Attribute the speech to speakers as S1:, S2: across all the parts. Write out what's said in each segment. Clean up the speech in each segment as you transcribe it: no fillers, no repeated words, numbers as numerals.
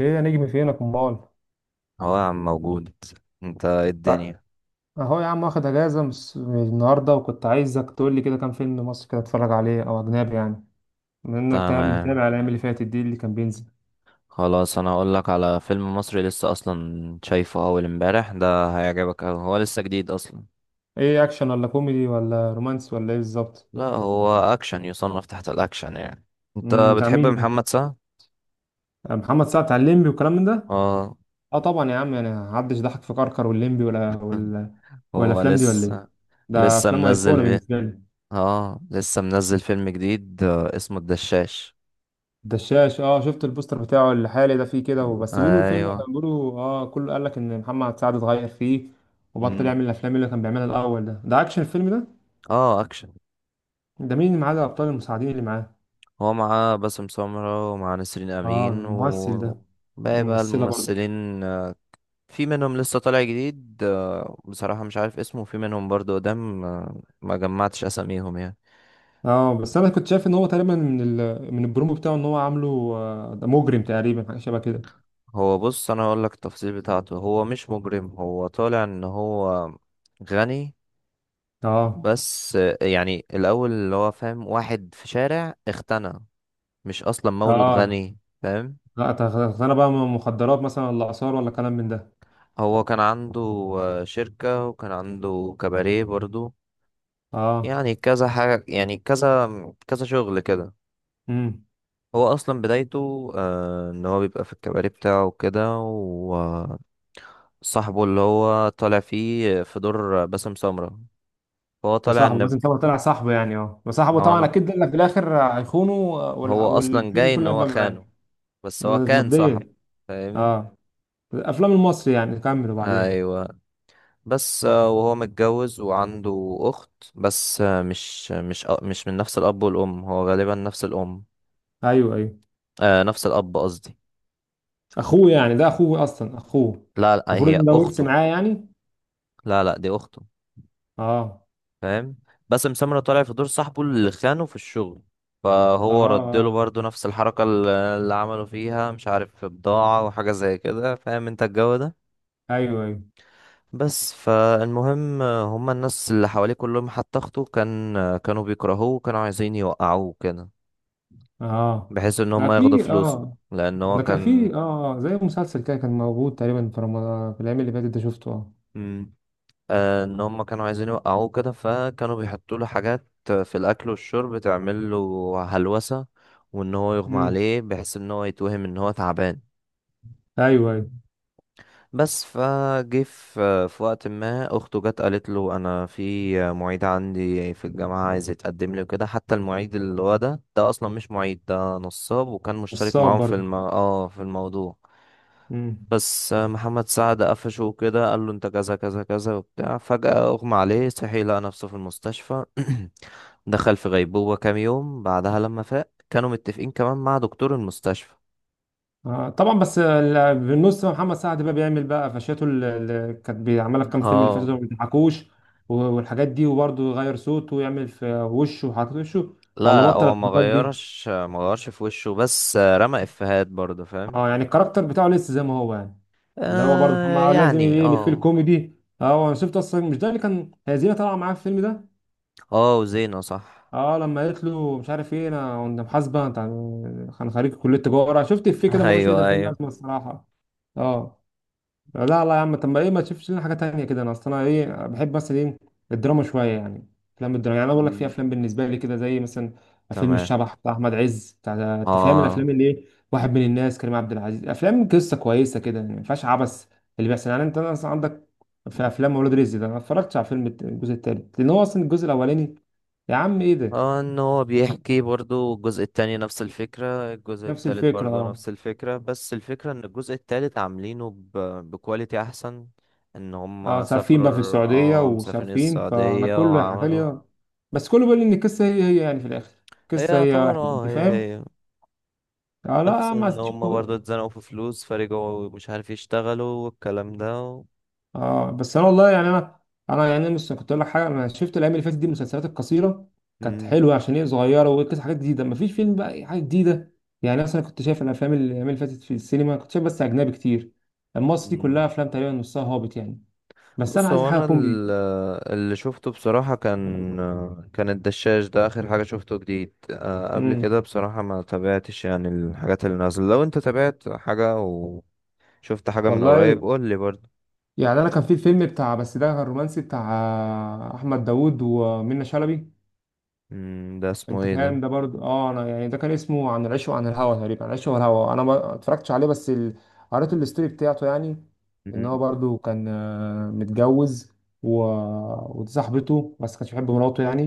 S1: ايه يا نجم، فينك امال؟
S2: هو يا عم موجود. انت ايه
S1: تع-
S2: الدنيا؟
S1: اهو يا عم، واخد اجازه من النهارده، وكنت عايزك تقول لي كده كام فيلم مصري كده اتفرج عليه او اجنبي يعني، بما انك
S2: تمام.
S1: متابع الايام اللي فاتت دي اللي كان بينزل.
S2: خلاص، انا هقول لك على فيلم مصري لسه اصلا شايفه اول امبارح، ده هيعجبك أوي، هو لسه جديد اصلا.
S1: ايه اكشن ولا كوميدي ولا رومانس ولا ايه بالظبط؟
S2: لا، هو اكشن، يصنف تحت الاكشن يعني. انت
S1: بتاع
S2: بتحب
S1: مين ده؟
S2: محمد سعد؟
S1: آه، محمد سعد بتاع الليمبي والكلام من ده.
S2: اه.
S1: اه طبعا يا عم، انا محدش ضحك في كركر والليمبي ولا ولا، ولا
S2: هو
S1: الافلام دي ولا ايه؟
S2: لسه
S1: ده
S2: لسه
S1: افلام
S2: منزل
S1: ايقونه
S2: في...
S1: بالنسبه لي.
S2: اه لسه منزل فيلم جديد، اسمه الدشاش.
S1: دشاش اه، شفت البوستر بتاعه الحالي ده، فيه كده هو، بس بيقولوا الفيلم،
S2: ايوه.
S1: كان بيقولوا اه كله قال لك ان محمد سعد اتغير فيه وبطل
S2: مم.
S1: يعمل الافلام اللي كان بيعملها الاول. ده اكشن الفيلم ده؟
S2: اه، اكشن.
S1: ده مين اللي معاه ده، الابطال المساعدين اللي معاه؟
S2: هو معاه باسم سمرة ومعاه نسرين
S1: اه
S2: أمين
S1: الممثل
S2: و
S1: ده.
S2: باقي بقى
S1: الممثله برضه.
S2: الممثلين، في منهم لسه طالع جديد، بصراحة مش عارف اسمه، وفي منهم برضه قدام، ما جمعتش أساميهم يعني.
S1: اه بس انا كنت شايف ان هو تقريبا من من البرومو بتاعه ان هو عامله، آه، ده مجرم تقريبا حاجه شبه كده.
S2: هو بص، أنا هقولك التفاصيل بتاعته، هو مش مجرم، هو طالع إن هو غني.
S1: اه
S2: بس يعني الأول اللي هو فاهم واحد في شارع اغتنى، مش أصلا مولود
S1: اه.
S2: غني، فاهم.
S1: لا انا بقى مخدرات مثلا، ولا اثار ولا كلام من ده.
S2: هو كان عنده شركة وكان عنده كباريه برضو.
S1: اه.
S2: يعني كذا حاجة، يعني كذا كذا شغل كده.
S1: امم.
S2: هو أصلا بدايته إن هو بيبقى في الكباري بتاعه كده، وصاحبه اللي هو طالع فيه في دور باسم سمرة، فهو
S1: ده
S2: طالع
S1: صاحبه
S2: إن...
S1: لازم طبعا طلع صاحبه يعني، اه بس صاحبه
S2: ما
S1: طبعا
S2: أنا...
S1: اكيد قال لك في الاخر هيخونه،
S2: هو أصلا
S1: والفيلم
S2: جاي إن
S1: كله
S2: هو
S1: هيبقى
S2: خانه،
S1: معاه.
S2: بس هو كان صاحبه،
S1: مبدئيا.
S2: فاهم.
S1: اه. الافلام المصري يعني، كمل وبعدين.
S2: أيوة. بس وهو متجوز وعنده أخت، بس مش من نفس الأب والأم، هو غالبا نفس الأم.
S1: ايوه ايوه.
S2: نفس الأب قصدي.
S1: اخوه يعني ده، اخوه اصلا اخوه؟
S2: لا لا،
S1: المفروض
S2: هي
S1: ان ده ورث
S2: أخته.
S1: معاه يعني.
S2: لا لا، دي أخته.
S1: اه.
S2: فاهم. باسم سمرة طالع في دور صاحبه اللي خانه في الشغل،
S1: اه
S2: فهو رد له
S1: اه.
S2: برضه نفس الحركة اللي عملوا فيها، مش عارف في بضاعة وحاجة زي كده، فاهم انت الجو ده.
S1: ايوه ايوه.
S2: بس فالمهم، هما الناس اللي حواليه كلهم، حتى اخته كانوا بيكرهوه وكانوا عايزين يوقعوه كده،
S1: اه
S2: بحيث ان
S1: ده
S2: هما ياخدوا
S1: في
S2: فلوسه،
S1: اه
S2: لان هو
S1: ده كان في
S2: كان...
S1: اه، آه. زي مسلسل كده كان موجود تقريبا في رمضان في الايام اللي فاتت ده، شفته اه.
S2: مم. ان هم كانوا عايزين يوقعوه كده، فكانوا بيحطوا له حاجات في الاكل والشرب تعمل له هلوسه، وان هو يغمى
S1: مم.
S2: عليه بحيث ان هو يتوهم ان هو تعبان.
S1: ايوه ايوه.
S2: بس فجه في وقت ما اخته جت قالت له انا في معيد عندي في الجامعه عايز يتقدم لي وكده، حتى المعيد اللي هو ده، ده اصلا مش معيد، ده نصاب، وكان مشترك
S1: الصعب
S2: معاهم في
S1: برضه.
S2: الم... اه في الموضوع.
S1: امم.
S2: بس محمد سعد قفشه وكده، قال له انت كذا كذا كذا وبتاع، فجأة اغمى عليه، صحي لقى نفسه في المستشفى. دخل في غيبوبة كام يوم، بعدها لما فاق كانوا متفقين كمان مع دكتور المستشفى.
S1: آه طبعا، بس بالنص محمد سعد بقى بيعمل بقى قفشاته اللي كانت بيعملها في كام فيلم اللي فاتوا
S2: اه.
S1: دول، ما بيضحكوش، والحاجات دي، وبرضه يغير صوته ويعمل في وشه وحركات وشه.
S2: لا
S1: ولا
S2: لا،
S1: بطل
S2: هو ما
S1: الحركات دي.
S2: غيرش ما غيرش في وشه، بس رمى افيهات برضه، فاهم.
S1: اه، يعني الكاركتر بتاعه لسه زي ما هو يعني. اللي هو برضه
S2: آه
S1: محمد، آه، لازم
S2: يعني
S1: يلف في
S2: اه.
S1: الكوميدي. اه انا شفت اصلا، مش ده اللي كان هزينه طالعه معاه في الفيلم ده؟
S2: اه وزينة صح.
S1: اه لما قالت له مش عارف ايه، انا كنت محاسبه انت، كان خريج كليه تجاره، شفت الفيه كده ملوش اي
S2: ايوه،
S1: 30
S2: ايوه.
S1: لازمه الصراحه. اه. لا لا يا عم، طب ما ايه، ما تشوفش لنا حاجه تانية كده، انا اصل انا ايه، بحب مثلا ايه، الدراما شويه يعني. افلام الدراما يعني، انا بقول لك في
S2: مم،
S1: افلام بالنسبه لي كده، زي مثلا فيلم
S2: تمام.
S1: الشبح بتاع احمد عز، بتاع انت فاهم الافلام
S2: اه
S1: اللي ايه. واحد من الناس كريم عبد العزيز، افلام قصه كويسه كده يعني، ما فيهاش عبث اللي بيحصل يعني، انت مثلا عندك في افلام ولاد رزق. ده انا ما اتفرجتش على فيلم الجزء التالت، لان هو اصلا الجزء الاولاني يا عم ايه ده.
S2: اه، ان هو بيحكي برضو، الجزء التاني نفس الفكرة، الجزء
S1: نفس
S2: التالت برضو
S1: الفكره.
S2: نفس الفكرة، بس الفكرة ان الجزء التالت عاملينه ب... بكواليتي احسن، ان
S1: اه
S2: هم
S1: صارفين
S2: سافروا.
S1: بقى في السعودية
S2: مسافرين
S1: وصارفين، فأنا
S2: السعودية
S1: كله حكى
S2: وعملوا.
S1: لي، بس كله بيقول لي إن القصة هي هي يعني، في الآخر
S2: هي
S1: القصة هي
S2: يعتبر،
S1: واحد، أنت
S2: هي
S1: فاهم؟
S2: هي
S1: آه
S2: نفس،
S1: لا ما
S2: ان هم
S1: تشوفوا.
S2: برضو اتزنقوا في فلوس فرجعوا، مش عارف يشتغلوا، والكلام ده و...
S1: اه بس أنا والله يعني أنا، أنا يعني مش كنت أقول لك حاجة، أنا شفت الأيام اللي فاتت دي المسلسلات القصيرة، كانت
S2: مم.
S1: حلوة عشان هي صغيرة وقصة حاجات جديدة، مفيش فيلم بقى أي حاجة جديدة. يعني مثلا كنت شايف الأفلام اللي الأيام اللي فاتت في السينما، كنت شايف بس أجنبي كتير، المصري
S2: مم.
S1: كلها أفلام تقريبا نصها هابط يعني. بس أنا
S2: بص
S1: عايز
S2: هو
S1: حاجة
S2: انا،
S1: كوميدي.
S2: اللي شفته بصراحة كان الدشاش ده اخر حاجة شفته جديد، قبل
S1: امم.
S2: كده بصراحة ما تابعتش يعني الحاجات اللي نازلة، لو انت تابعت حاجة وشفت حاجة من قريب
S1: والله
S2: قول لي برضه.
S1: يعني انا كان في الفيلم بتاع، بس ده كان رومانسي بتاع احمد داوود ومنى شلبي.
S2: مم، ده اسمه
S1: انت
S2: ايه
S1: فاهم
S2: ده؟
S1: ده برضه، اه انا يعني ده كان اسمه عن العشق وعن الهوى تقريبا، عن العشق والهوى، انا ما اتفرجتش عليه بس قريت الستوري بتاعته يعني. ان
S2: مم،
S1: هو برضه كان آه، متجوز، و... ودي صاحبته، بس كانش بيحب مراته يعني،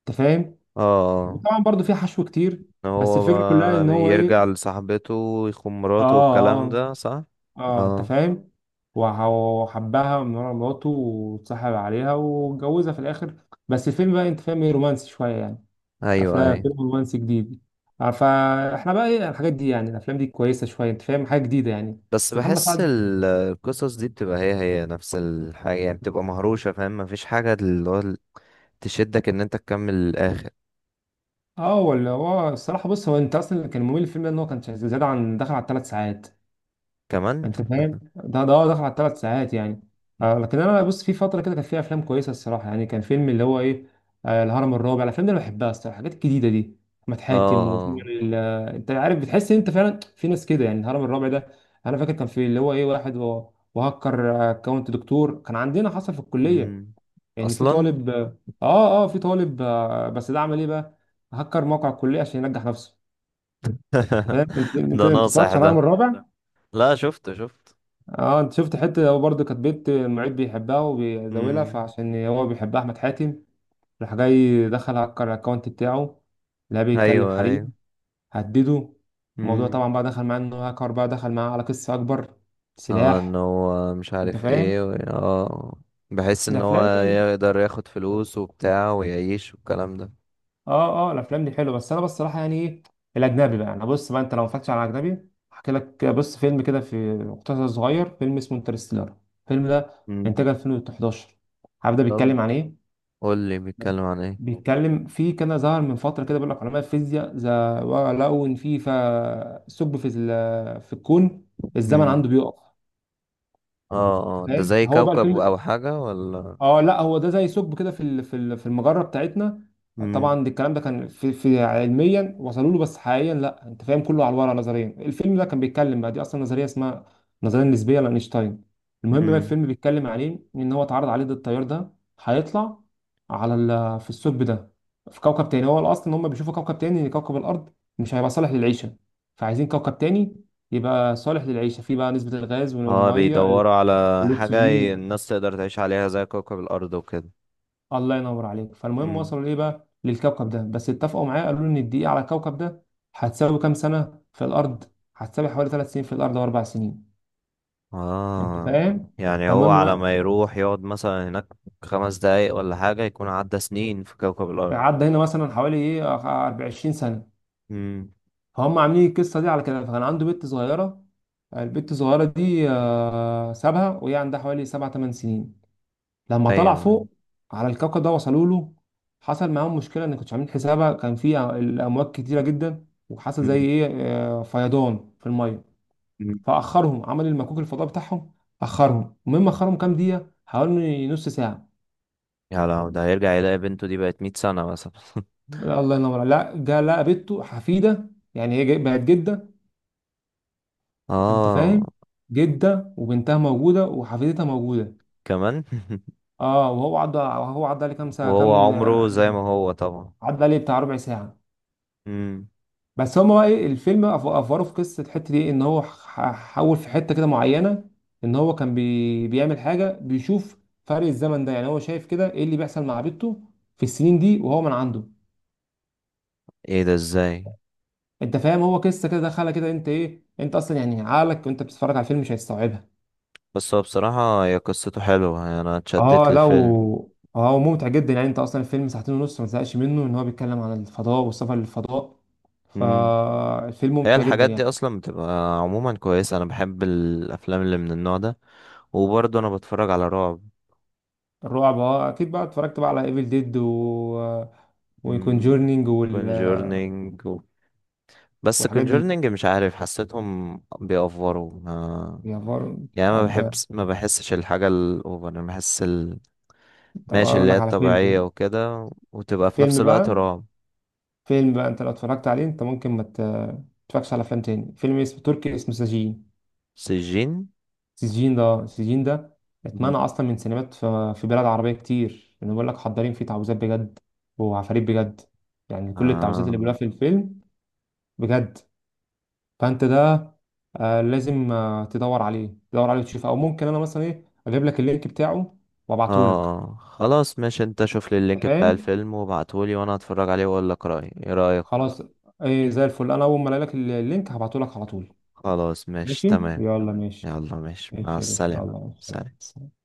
S1: انت فاهم.
S2: اه
S1: طبعا برضه في حشو كتير.
S2: إن
S1: بس
S2: هو
S1: الفكره كلها ان
S2: بقى
S1: هو
S2: يرجع
S1: ايه.
S2: لصاحبته ويخون مراته
S1: اه
S2: والكلام
S1: اه
S2: ده، صح.
S1: اه، انت
S2: اه،
S1: فاهم، وحبها من ورا مراته، واتصاحب عليها واتجوزها في الاخر. بس الفيلم بقى انت فاهم، ايه رومانسي شويه يعني.
S2: ايوه
S1: افلام
S2: ايوه.
S1: فيلم رومانسي جديد. آه، فاحنا بقى ايه الحاجات دي يعني، الافلام دي كويسه شويه، انت فاهم حاجه جديده يعني،
S2: بس
S1: بس محمد
S2: بحس
S1: سعد
S2: القصص دي بتبقى هي هي نفس الحاجة، يعني بتبقى مهروشة، فاهم، مفيش حاجة تشدك ان انت تكمل الاخر.
S1: اه ولا هو الصراحه. بص هو انت اصلا اللي كان ممل الفيلم ده، ان هو كان زياده عن داخل على 3 ساعات.
S2: كمان
S1: انت فاهم ده، هو دخل على 3 ساعات يعني. آه لكن انا بص، في فتره كده كان فيها افلام كويسه الصراحه يعني، كان فيلم اللي هو ايه، آه الهرم الرابع، الافلام دي انا بحبها الصراحه، الحاجات الجديده دي، احمد حاتم
S2: اه.
S1: وال. انت عارف بتحس ان انت فعلا في ناس كده يعني، الهرم الرابع ده، انا فاكر كان في اللي هو ايه واحد وهكر اكونت دكتور كان عندنا، حصل في الكليه،
S2: امم.
S1: يعني في
S2: اصلا.
S1: طالب اه. اه آه، في طالب آه، بس ده عمل ايه بقى؟ هكر موقع الكليه عشان ينجح نفسه. فاهم انت،
S2: ده ناصح
S1: اتفرجت على الهرم
S2: ده.
S1: الرابع؟
S2: لا، شفته شفت.
S1: اه انت شفت، حته هو برضه كانت بنت المعيد بيحبها وبيزاولها،
S2: امم.
S1: فعشان هو بيحبها احمد حاتم راح جاي دخل هكر الاكونت بتاعه. لا بيتكلم
S2: ايوه ايوه.
S1: حريم هدده. الموضوع
S2: امم.
S1: طبعا بقى دخل معاه انه هاكر، بقى دخل معاه على قصه اكبر،
S2: اه، ان
S1: سلاح.
S2: هو مش
S1: انت
S2: عارف
S1: فاهم
S2: ايه و... اه. بحيث ان هو
S1: الافلام دي.
S2: يقدر ياخد فلوس وبتاع ويعيش والكلام ده.
S1: اه اه الافلام دي حلوه، بس انا بصراحه يعني ايه، الاجنبي بقى، انا بص بقى، انت لو ما اتفرجتش على اجنبي احكي لك، بص فيلم كده في مقتطف صغير، فيلم اسمه انترستيلر، الفيلم ده
S2: امم.
S1: انتاج 2011. عارف ده
S2: طب،
S1: بيتكلم عن ايه؟
S2: قول لي بيتكلم عن ايه.
S1: بيتكلم في، كان ظهر من فترة كده بيقول لك علماء الفيزياء ذا، لقوا إن ثقب في الكون الزمن
S2: امم.
S1: عنده بيقف،
S2: اه اه، ده
S1: فاهم
S2: زي
S1: هو بقى
S2: كوكب
S1: الفيلم.
S2: او حاجة ولا؟
S1: اه لا هو ده زي ثقب كده في المجره بتاعتنا.
S2: امم،
S1: طبعا ده الكلام ده كان في علميا وصلوا له، بس حقيقيا لا، انت فاهم كله على الورق نظريا. الفيلم ده كان بيتكلم بقى، دي اصلا نظريه اسمها النظريه النسبيه لاينشتاين. المهم بقى
S2: امم.
S1: الفيلم بيتكلم عليه، ان هو اتعرض عليه ده التيار ده، هيطلع على في الثقب ده، في كوكب تاني. هو الاصل ان هم بيشوفوا كوكب تاني، ان كوكب الارض مش هيبقى صالح للعيشه، فعايزين كوكب تاني يبقى صالح للعيشه، فيه بقى نسبه الغاز
S2: اه
S1: والميه
S2: بيدوروا على حاجة،
S1: والاكسجين.
S2: الناس تقدر تعيش عليها زي كوكب الأرض وكده.
S1: الله ينور عليك. فالمهم
S2: مم.
S1: وصلوا ليه بقى للكوكب ده، بس اتفقوا معاه، قالوا له ان الدقيقة على الكوكب ده هتساوي كام سنة في الأرض، هتساوي حوالي 3 سنين في الأرض و4 سنين. أنت
S2: اه
S1: فاهم.
S2: يعني، هو
S1: فالمهم
S2: على
S1: بقى،
S2: ما يروح يقعد مثلا هناك 5 دقايق ولا حاجة، يكون عدى سنين في كوكب الأرض.
S1: عدى هنا مثلا حوالي إيه 24 سنة.
S2: مم.
S1: فهم عاملين القصة دي على كده، فكان عنده بنت صغيرة، البنت الصغيرة دي آه، سابها وهي عندها حوالي 7 8 سنين، لما طلع
S2: أيوة.
S1: فوق على الكوكب ده. وصلوا له، حصل معاهم مشكله ان كنتش عاملين حسابها، كان الامواج كتيره جدا، وحصل زي
S2: مم.
S1: ايه، آه، فيضان في الميه،
S2: مم.
S1: فاخرهم عمل المكوك الفضاء بتاعهم. اخرهم المهم اخرهم كام دقيقه، حوالي نص ساعه.
S2: يا لو ده هيرجع يلاقي بنته دي بقت 100 سنة مثلا.
S1: لا الله ينور عليك. لا جا لقى بنته حفيده، يعني بقت جده. انت فاهم،
S2: اه
S1: جده وبنتها موجوده وحفيدتها موجوده.
S2: كمان.
S1: اه، وهو عدى، عليه كام ساعه
S2: وهو
S1: كام،
S2: عمره زي ما هو طبعا.
S1: عدى عليه بتاع ربع ساعه.
S2: مم.
S1: بس هما بقى ايه الفيلم افوره في قصه الحته دي، ان هو حول في حته كده معينه، ان هو كان بيعمل حاجه بيشوف فرق الزمن ده. يعني هو شايف كده ايه اللي بيحصل مع بنته في السنين دي وهو من عنده.
S2: ايه ده ازاي؟
S1: انت فاهم، هو قصه كده دخلها كده، انت ايه، انت اصلا يعني عقلك وانت بتتفرج على الفيلم مش هيستوعبها.
S2: بس هو بصراحة، هي قصته حلوة يعني، انا اتشدت
S1: اه لا
S2: للفيلم.
S1: اه هو ممتع جدا يعني، انت اصلا الفيلم ساعتين ونص ما تزهقش منه، ان هو بيتكلم عن الفضاء والسفر للفضاء،
S2: مم.
S1: فالفيلم
S2: هي
S1: ممتع جدا
S2: الحاجات دي
S1: يعني.
S2: اصلا بتبقى عموما كويسه، انا بحب الافلام اللي من النوع ده، وبرضه انا بتفرج على رعب.
S1: الرعب اه، اكيد بقى اتفرجت بقى على ايفل ديد و، وكونجورنينج
S2: كونجورنينج و... بس
S1: والحاجات دي.
S2: كونجورنينج مش عارف، حسيتهم بيأفوروا ما...
S1: يا فار.
S2: يعني
S1: طب
S2: ما بحسش الحاجه الاوفر، انا بحس ال...
S1: طب
S2: ماشي
S1: اقول
S2: اللي هي
S1: لك على
S2: الطبيعيه
S1: فيلم،
S2: وكده، وتبقى في نفس
S1: فيلم
S2: الوقت
S1: بقى،
S2: رعب.
S1: فيلم بقى انت لو اتفرجت عليه انت ممكن ما تتفرجش على افلام تاني. فيلم اسمه تركي، اسمه سجين.
S2: سجين.
S1: سجين ده، سجين ده اتمنع
S2: مم.
S1: اصلا من سينمات في بلاد عربيه كتير، لانه بيقول لك حضارين فيه تعويذات بجد وعفاريت بجد، يعني كل التعويذات اللي
S2: آه
S1: بيقولها في الفيلم بجد. فانت ده آه، لازم آه، تدور عليه، تدور عليه وتشوفه، او ممكن انا مثلا ايه اجيب لك اللينك بتاعه وابعته لك.
S2: آه، خلاص ماشي، انت شوف لي
S1: اللي
S2: اللينك بتاع
S1: فاهم.
S2: الفيلم وابعتهولي، وانا هتفرج عليه واقول لك رأيي، ايه رأيك؟
S1: خلاص. ايه زي الفل، انا اول ما الاقي لك اللينك هبعته لك على طول.
S2: خلاص ماشي
S1: ماشي.
S2: تمام.
S1: يلا ماشي.
S2: يلا ماشي مع
S1: ماشي يا باشا،
S2: السلامة.
S1: يلا.
S2: سلام
S1: سلام.